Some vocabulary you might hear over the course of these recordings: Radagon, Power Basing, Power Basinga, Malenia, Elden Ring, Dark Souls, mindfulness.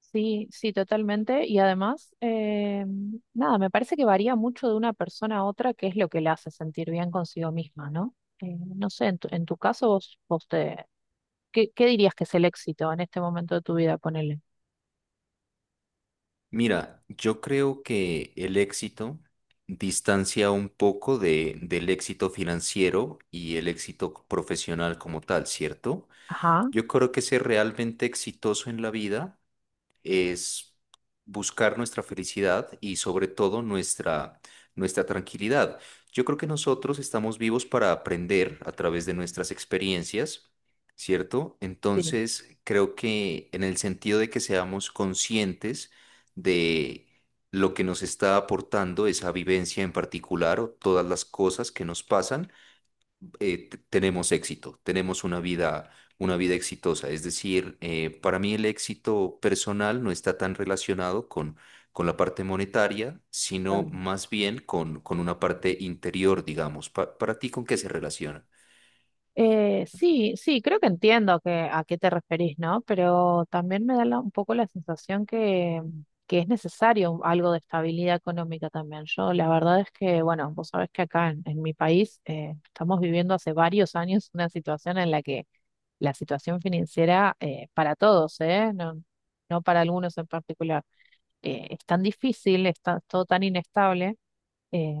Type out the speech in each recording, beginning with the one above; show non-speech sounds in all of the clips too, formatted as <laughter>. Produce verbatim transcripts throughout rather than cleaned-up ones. Sí, sí, totalmente. Y además, eh, nada, me parece que varía mucho de una persona a otra qué es lo que le hace sentir bien consigo misma, ¿no? Eh, no sé, en tu, en tu caso, vos, vos te, ¿qué, qué dirías que es el éxito en este momento de tu vida? Ponele. Mira, yo creo que el éxito distancia un poco de, del éxito financiero y el éxito profesional como tal, ¿cierto? Ajá, Yo creo que ser realmente exitoso en la vida es buscar nuestra felicidad y sobre todo nuestra, nuestra tranquilidad. Yo creo que nosotros estamos vivos para aprender a través de nuestras experiencias, ¿cierto? sí. Entonces, creo que en el sentido de que seamos conscientes de lo que nos está aportando esa vivencia en particular o todas las cosas que nos pasan, eh, t- tenemos éxito, tenemos una vida, una vida exitosa. Es decir, eh, para mí el éxito personal no está tan relacionado con, con la parte monetaria, sino más bien con, con una parte interior, digamos. Pa- para ti, ¿con qué se relaciona? Eh, sí, sí, creo que entiendo que, a qué te referís, ¿no? Pero también me da la- un poco la sensación que, que es necesario algo de estabilidad económica también. Yo, la verdad es que, bueno, vos sabés que acá en, en mi país, eh, estamos viviendo hace varios años una situación en la que la situación financiera, eh, para todos, ¿eh? No, no para algunos en particular, eh, es tan difícil, está todo tan inestable, eh,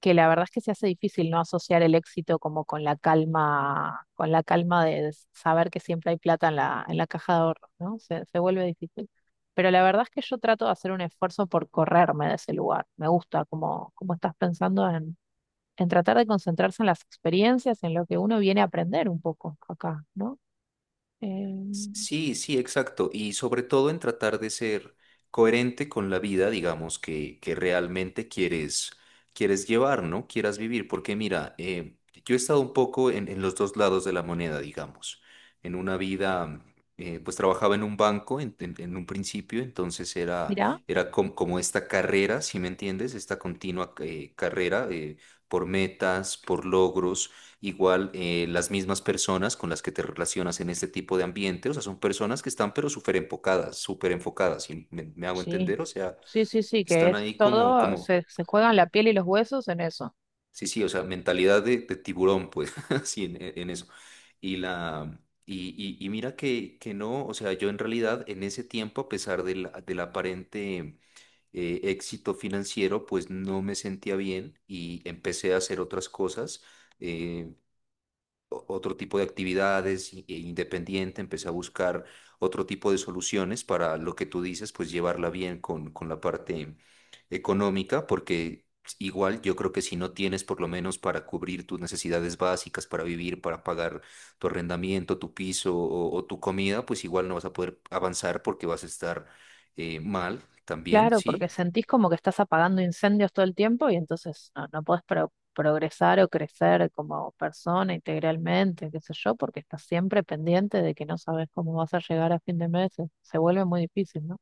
que la verdad es que se hace difícil no asociar el éxito como con la calma, con la calma de saber que siempre hay plata en la, en la caja de ahorros, ¿no? Se, se vuelve difícil. Pero la verdad es que yo trato de hacer un esfuerzo por correrme de ese lugar. Me gusta cómo, cómo estás pensando en, en tratar de concentrarse en las experiencias, en lo que uno viene a aprender un poco acá, ¿no? Eh, Sí, sí, exacto. Y sobre todo en tratar de ser coherente con la vida, digamos, que, que realmente quieres, quieres llevar, ¿no? Quieras vivir. Porque mira, eh, yo he estado un poco en, en los dos lados de la moneda, digamos. En una vida, eh, pues trabajaba en un banco en, en- en un principio, entonces era, Mirá, era com- como esta carrera, si me entiendes, esta continua eh, carrera eh, por metas, por logros. Igual, eh, las mismas personas con las que te relacionas en este tipo de ambiente, o sea, son personas que están pero súper enfocadas, súper enfocadas, y me, me hago sí, entender, o sea, sí, sí, sí, que están es ahí como, todo, como, se, se juegan la piel y los huesos en eso. sí, sí, o sea, mentalidad de, de tiburón, pues, <laughs> así en, en eso. Y la, y, y, y mira que, que no, o sea, yo en realidad en ese tiempo, a pesar del, del aparente eh, éxito financiero, pues no me sentía bien y empecé a hacer otras cosas. eh, o- Otro tipo de actividades i- e independiente, empecé a buscar otro tipo de soluciones para lo que tú dices, pues llevarla bien con, con la parte económica, porque igual yo creo que si no tienes por lo menos para cubrir tus necesidades básicas, para vivir, para pagar tu arrendamiento, tu piso o, o tu comida, pues igual no vas a poder avanzar porque vas a estar eh, mal también, Claro, ¿sí? porque sentís como que estás apagando incendios todo el tiempo y entonces no, no podés pro- progresar o crecer como persona integralmente, qué sé yo, porque estás siempre pendiente de que no sabes cómo vas a llegar a fin de mes. Se se vuelve muy difícil, ¿no?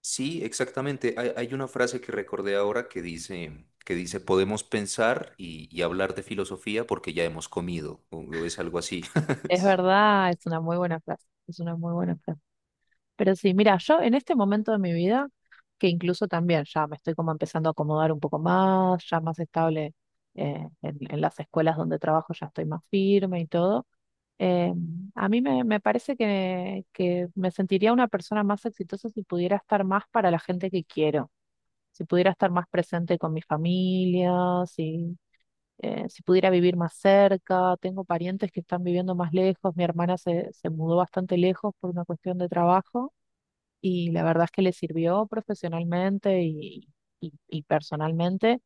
Sí, exactamente. Hay, hay una frase que recordé ahora que dice, que dice, podemos pensar y, y hablar de filosofía porque ya hemos comido, o o es algo así. <laughs> Es Sí. verdad, es una muy buena frase, es una muy buena frase. Pero sí, mira, yo en este momento de mi vida, que incluso también ya me estoy como empezando a acomodar un poco más, ya más estable, eh, en en las escuelas donde trabajo, ya estoy más firme y todo. Eh, a mí me, me parece que, que me sentiría una persona más exitosa si pudiera estar más para la gente que quiero, si pudiera estar más presente con mi familia, si, eh, si pudiera vivir más cerca. Tengo parientes que están viviendo más lejos, mi hermana se, se mudó bastante lejos por una cuestión de trabajo, y la verdad es que le sirvió profesionalmente y, y y personalmente,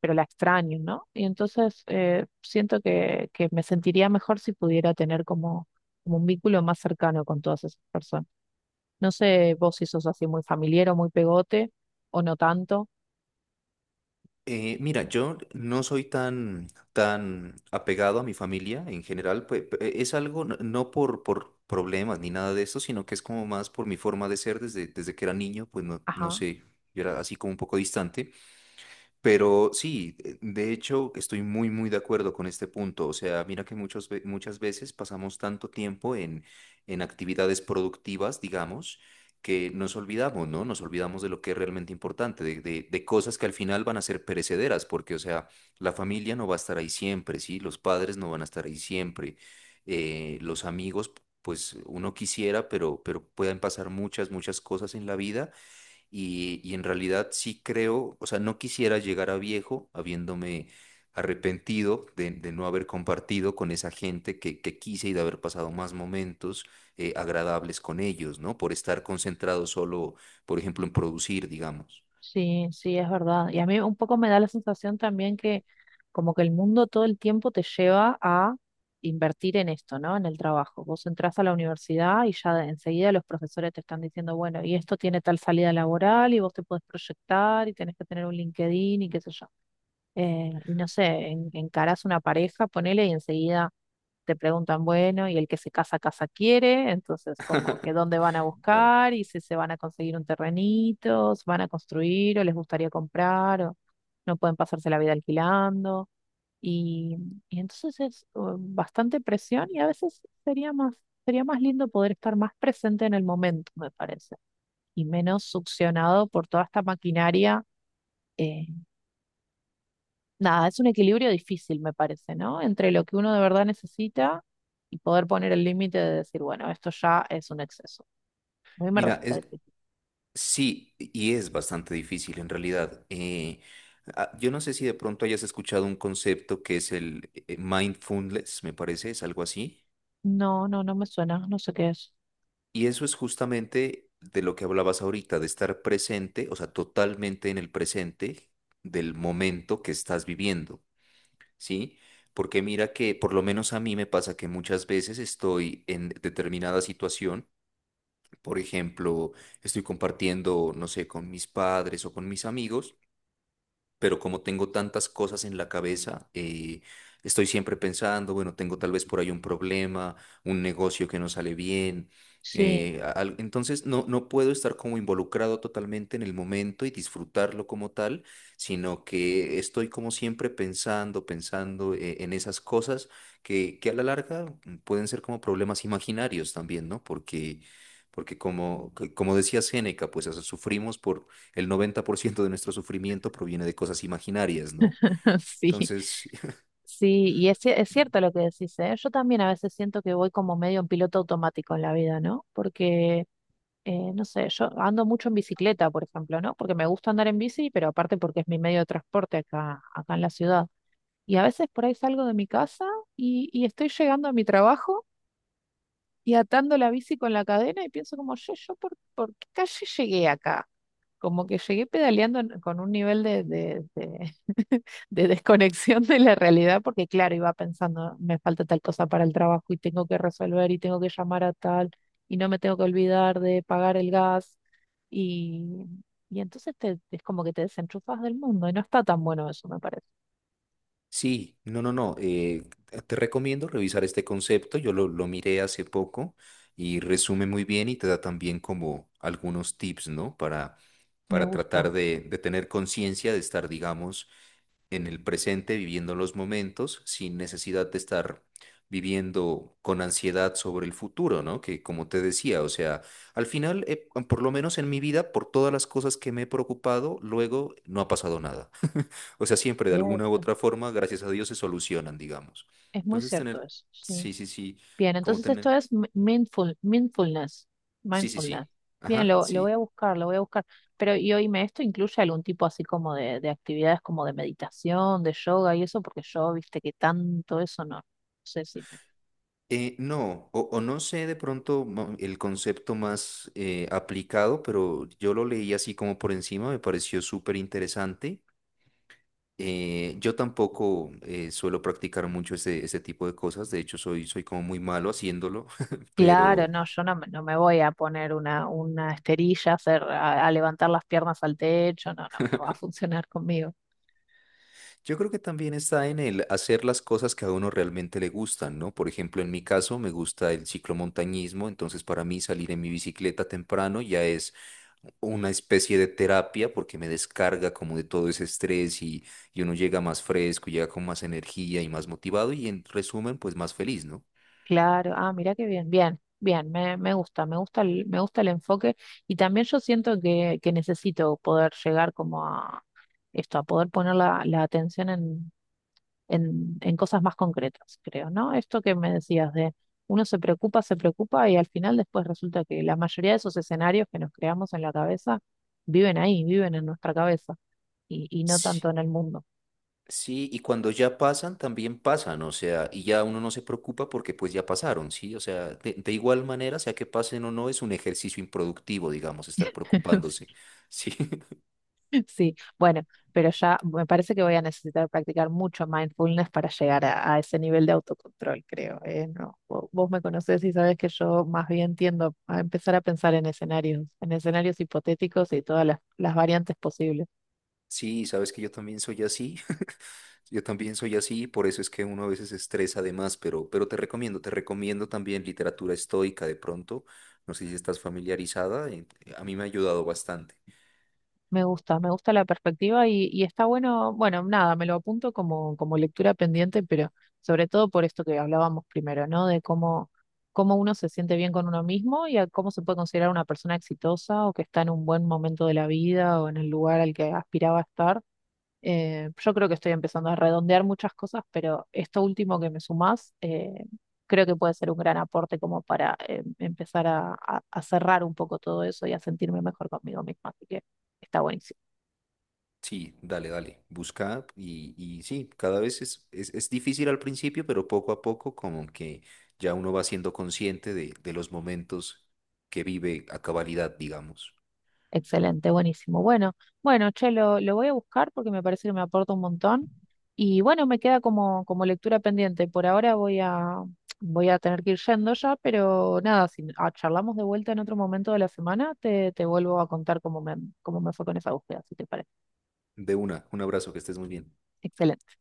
pero la extraño, ¿no? Y entonces, eh, siento que, que me sentiría mejor si pudiera tener como, como un vínculo más cercano con todas esas personas. No sé vos si sos así muy familiar o muy pegote, o no tanto. Eh, mira, yo no soy tan, tan apegado a mi familia en general, pues, pe- eh, es algo no, no por, por problemas ni nada de eso, sino que es como más por mi forma de ser desde, desde que era niño, pues no, no sé, yo era así como un poco distante. Pero sí, eh, de hecho estoy muy, muy de acuerdo con este punto. O sea, mira que muchos, ve- muchas veces pasamos tanto tiempo en, en actividades productivas, digamos, que nos olvidamos, ¿no? Nos olvidamos de lo que es realmente importante, de, de, de cosas que al final van a ser perecederas, porque, o sea, la familia no va a estar ahí siempre, ¿sí? Los padres no van a estar ahí siempre. Eh, los amigos, pues uno quisiera, pero, pero pueden pasar muchas, muchas cosas en la vida y, y en realidad sí creo, o sea, no quisiera llegar a viejo habiéndome arrepentido de, de no haber compartido con esa gente que, que quise y de haber pasado más momentos eh, agradables con ellos, ¿no? Por estar concentrado solo, por ejemplo, en producir, digamos. Sí, sí, es verdad. Y a mí un poco me da la sensación también que como que el mundo todo el tiempo te lleva a invertir en esto, ¿no? En el trabajo. Vos entras a la universidad y ya de- enseguida los profesores te están diciendo, bueno, y esto tiene tal salida laboral y vos te podés proyectar y tenés que tener un LinkedIn y qué sé yo, eh, y no sé, en- encarás una pareja, ponele, y enseguida te preguntan, bueno, y el que se casa, casa quiere, entonces como que <laughs> dónde van a Claro. buscar y si se van a conseguir un terrenito, se van a construir o les gustaría comprar o no pueden pasarse la vida alquilando. Y, y entonces es uh, bastante presión y a veces sería más, sería más lindo poder estar más presente en el momento, me parece, y menos succionado por toda esta maquinaria. eh, Nada, es un equilibrio difícil, me parece, ¿no? Entre lo que uno de verdad necesita y poder poner el límite de decir, bueno, esto ya es un exceso. A mí me Mira, resulta es, difícil. sí, y es bastante difícil en realidad. Eh, ah, yo no sé si de pronto hayas escuchado un concepto que es el eh, mindfulness, me parece, es algo así. No, no, no me suena, no sé qué es. Y eso es justamente de lo que hablabas ahorita, de estar presente, o sea, totalmente en el presente del momento que estás viviendo, ¿sí? Porque mira que por lo menos a mí me pasa que muchas veces estoy en determinada situación, por ejemplo, estoy compartiendo, no sé, con mis padres o con mis amigos, pero como tengo tantas cosas en la cabeza, eh, estoy siempre pensando, bueno, tengo tal vez por ahí un problema, un negocio que no sale bien. Sí, eh, a- al- Entonces no, no puedo estar como involucrado totalmente en el momento y disfrutarlo como tal, sino que estoy como siempre pensando, pensando eh, en esas cosas que, que a la larga mm, pueden ser como problemas imaginarios también, ¿no? Porque, porque como, como decía Séneca, pues o sea, sufrimos por el noventa por ciento de nuestro sufrimiento proviene de cosas imaginarias, ¿no? <laughs> sí, Entonces, <laughs> sí, y es, ci- es cierto lo que decís, ¿eh? Yo también a veces siento que voy como medio en piloto automático en la vida, ¿no? Porque, eh, no sé, yo ando mucho en bicicleta, por ejemplo, ¿no? Porque me gusta andar en bici, pero aparte porque es mi medio de transporte acá, acá en la ciudad. Y a veces por ahí salgo de mi casa y, y estoy llegando a mi trabajo y atando la bici con la cadena y pienso como, yo, yo por, ¿por qué calle llegué acá? Como que llegué pedaleando en- con un nivel de, de, de, <laughs> de desconexión de la realidad, porque claro, iba pensando, me falta tal cosa para el trabajo y tengo que resolver y tengo que llamar a tal y no me tengo que olvidar de pagar el gas. Y, y entonces te, es como que te desenchufas del mundo y no está tan bueno eso, me parece. sí, no, no, no, eh, te recomiendo revisar este concepto, yo lo, lo miré hace poco y resume muy bien y te da también como algunos tips, ¿no? Para, Me para tratar gusta. de, de tener conciencia de estar, digamos, en el presente, viviendo los momentos, sin necesidad de estar viviendo con ansiedad sobre el futuro, ¿no? Que como te decía, o sea, al final, eh, por lo menos en mi vida, por todas las cosas que me he preocupado, luego no ha pasado nada. <laughs> O sea, siempre de alguna u otra forma, gracias a Dios, se solucionan, digamos. Es muy Entonces, cierto tener, eso, sí. sí, sí, sí, Bien, como entonces esto tener, es mi- mindful, mindfulness, sí, sí, mindfulness. sí, Bien, ajá, lo, lo voy a sí. buscar, lo voy a buscar. Pero y oíme, ¿esto incluye algún tipo así como de, de actividades como de meditación, de yoga y eso? Porque yo, viste que tanto eso no, no sé si me... Eh, no, o, o no sé de pronto mo- el concepto más eh, aplicado, pero yo lo leí así como por encima, me pareció súper interesante. Eh, yo tampoco eh, suelo practicar mucho este, este tipo de cosas, de hecho soy, soy como muy malo haciéndolo, <laughs> Claro, pero, no, yo no, me- no me voy a poner una, una esterilla, a, hacer, a, a levantar las piernas al techo, no, no, no va a funcionar conmigo. yo creo que también está en el hacer las cosas que a uno realmente le gustan, ¿no? Por ejemplo, en mi caso me gusta el ciclomontañismo, entonces para mí salir en mi bicicleta temprano ya es una especie de terapia porque me descarga como de todo ese estrés y, y uno llega más fresco, llega con más energía y más motivado y en resumen, pues más feliz, ¿no? Claro, ah, mira qué bien, bien, bien, me, me gusta, me gusta el, me gusta el enfoque, y también yo siento que, que necesito poder llegar como a esto, a poder poner la, la atención en, en, en cosas más concretas, creo, ¿no? Esto que me decías de uno se preocupa, se preocupa y al final después resulta que la mayoría de esos escenarios que nos creamos en la cabeza viven ahí, viven en nuestra cabeza y, y no tanto en el mundo. Sí, y cuando ya pasan, también pasan, o sea, y ya uno no se preocupa porque pues ya pasaron, ¿sí? O sea, de, de igual manera, sea que pasen o no, es un ejercicio improductivo, digamos, estar preocupándose, <laughs> ¿sí? <laughs> <laughs> Sí, bueno, pero ya me parece que voy a necesitar practicar mucho mindfulness para llegar a, a ese nivel de autocontrol, creo. ¿Eh? No, vo- vos me conocés y sabés que yo más bien tiendo a empezar a pensar en escenarios, en escenarios hipotéticos y todas las, las variantes posibles. Sí, sabes que yo también soy así, <laughs> yo también soy así, por eso es que uno a veces se estresa además, pero, pero te recomiendo, te recomiendo también literatura estoica de pronto, no sé si estás familiarizada, eh, a mí me ha ayudado bastante. Me gusta, me gusta la perspectiva y, y está bueno, bueno, nada, me lo apunto como, como lectura pendiente, pero sobre todo por esto que hablábamos primero, ¿no? De cómo, cómo uno se siente bien con uno mismo y a cómo se puede considerar una persona exitosa o que está en un buen momento de la vida o en el lugar al que aspiraba a estar. Eh, yo creo que estoy empezando a redondear muchas cosas, pero esto último que me sumás, eh, creo que puede ser un gran aporte como para, eh, empezar a, a a cerrar un poco todo eso y a sentirme mejor conmigo misma. Así que está buenísimo. Sí, dale, dale, busca y, y sí, cada vez es, es, es difícil al principio, pero poco a poco como que ya uno va siendo consciente de, de los momentos que vive a cabalidad, digamos. Excelente, buenísimo. Bueno, bueno, che, lo, lo voy a buscar porque me parece que me aporta un montón. Y bueno, me queda como, como lectura pendiente. Por ahora voy a, voy a tener que ir yendo ya, pero nada, si ah, charlamos de vuelta en otro momento de la semana, te, te vuelvo a contar cómo me, cómo me fue con esa búsqueda, si te parece. De una, un abrazo, que estés muy bien. Excelente.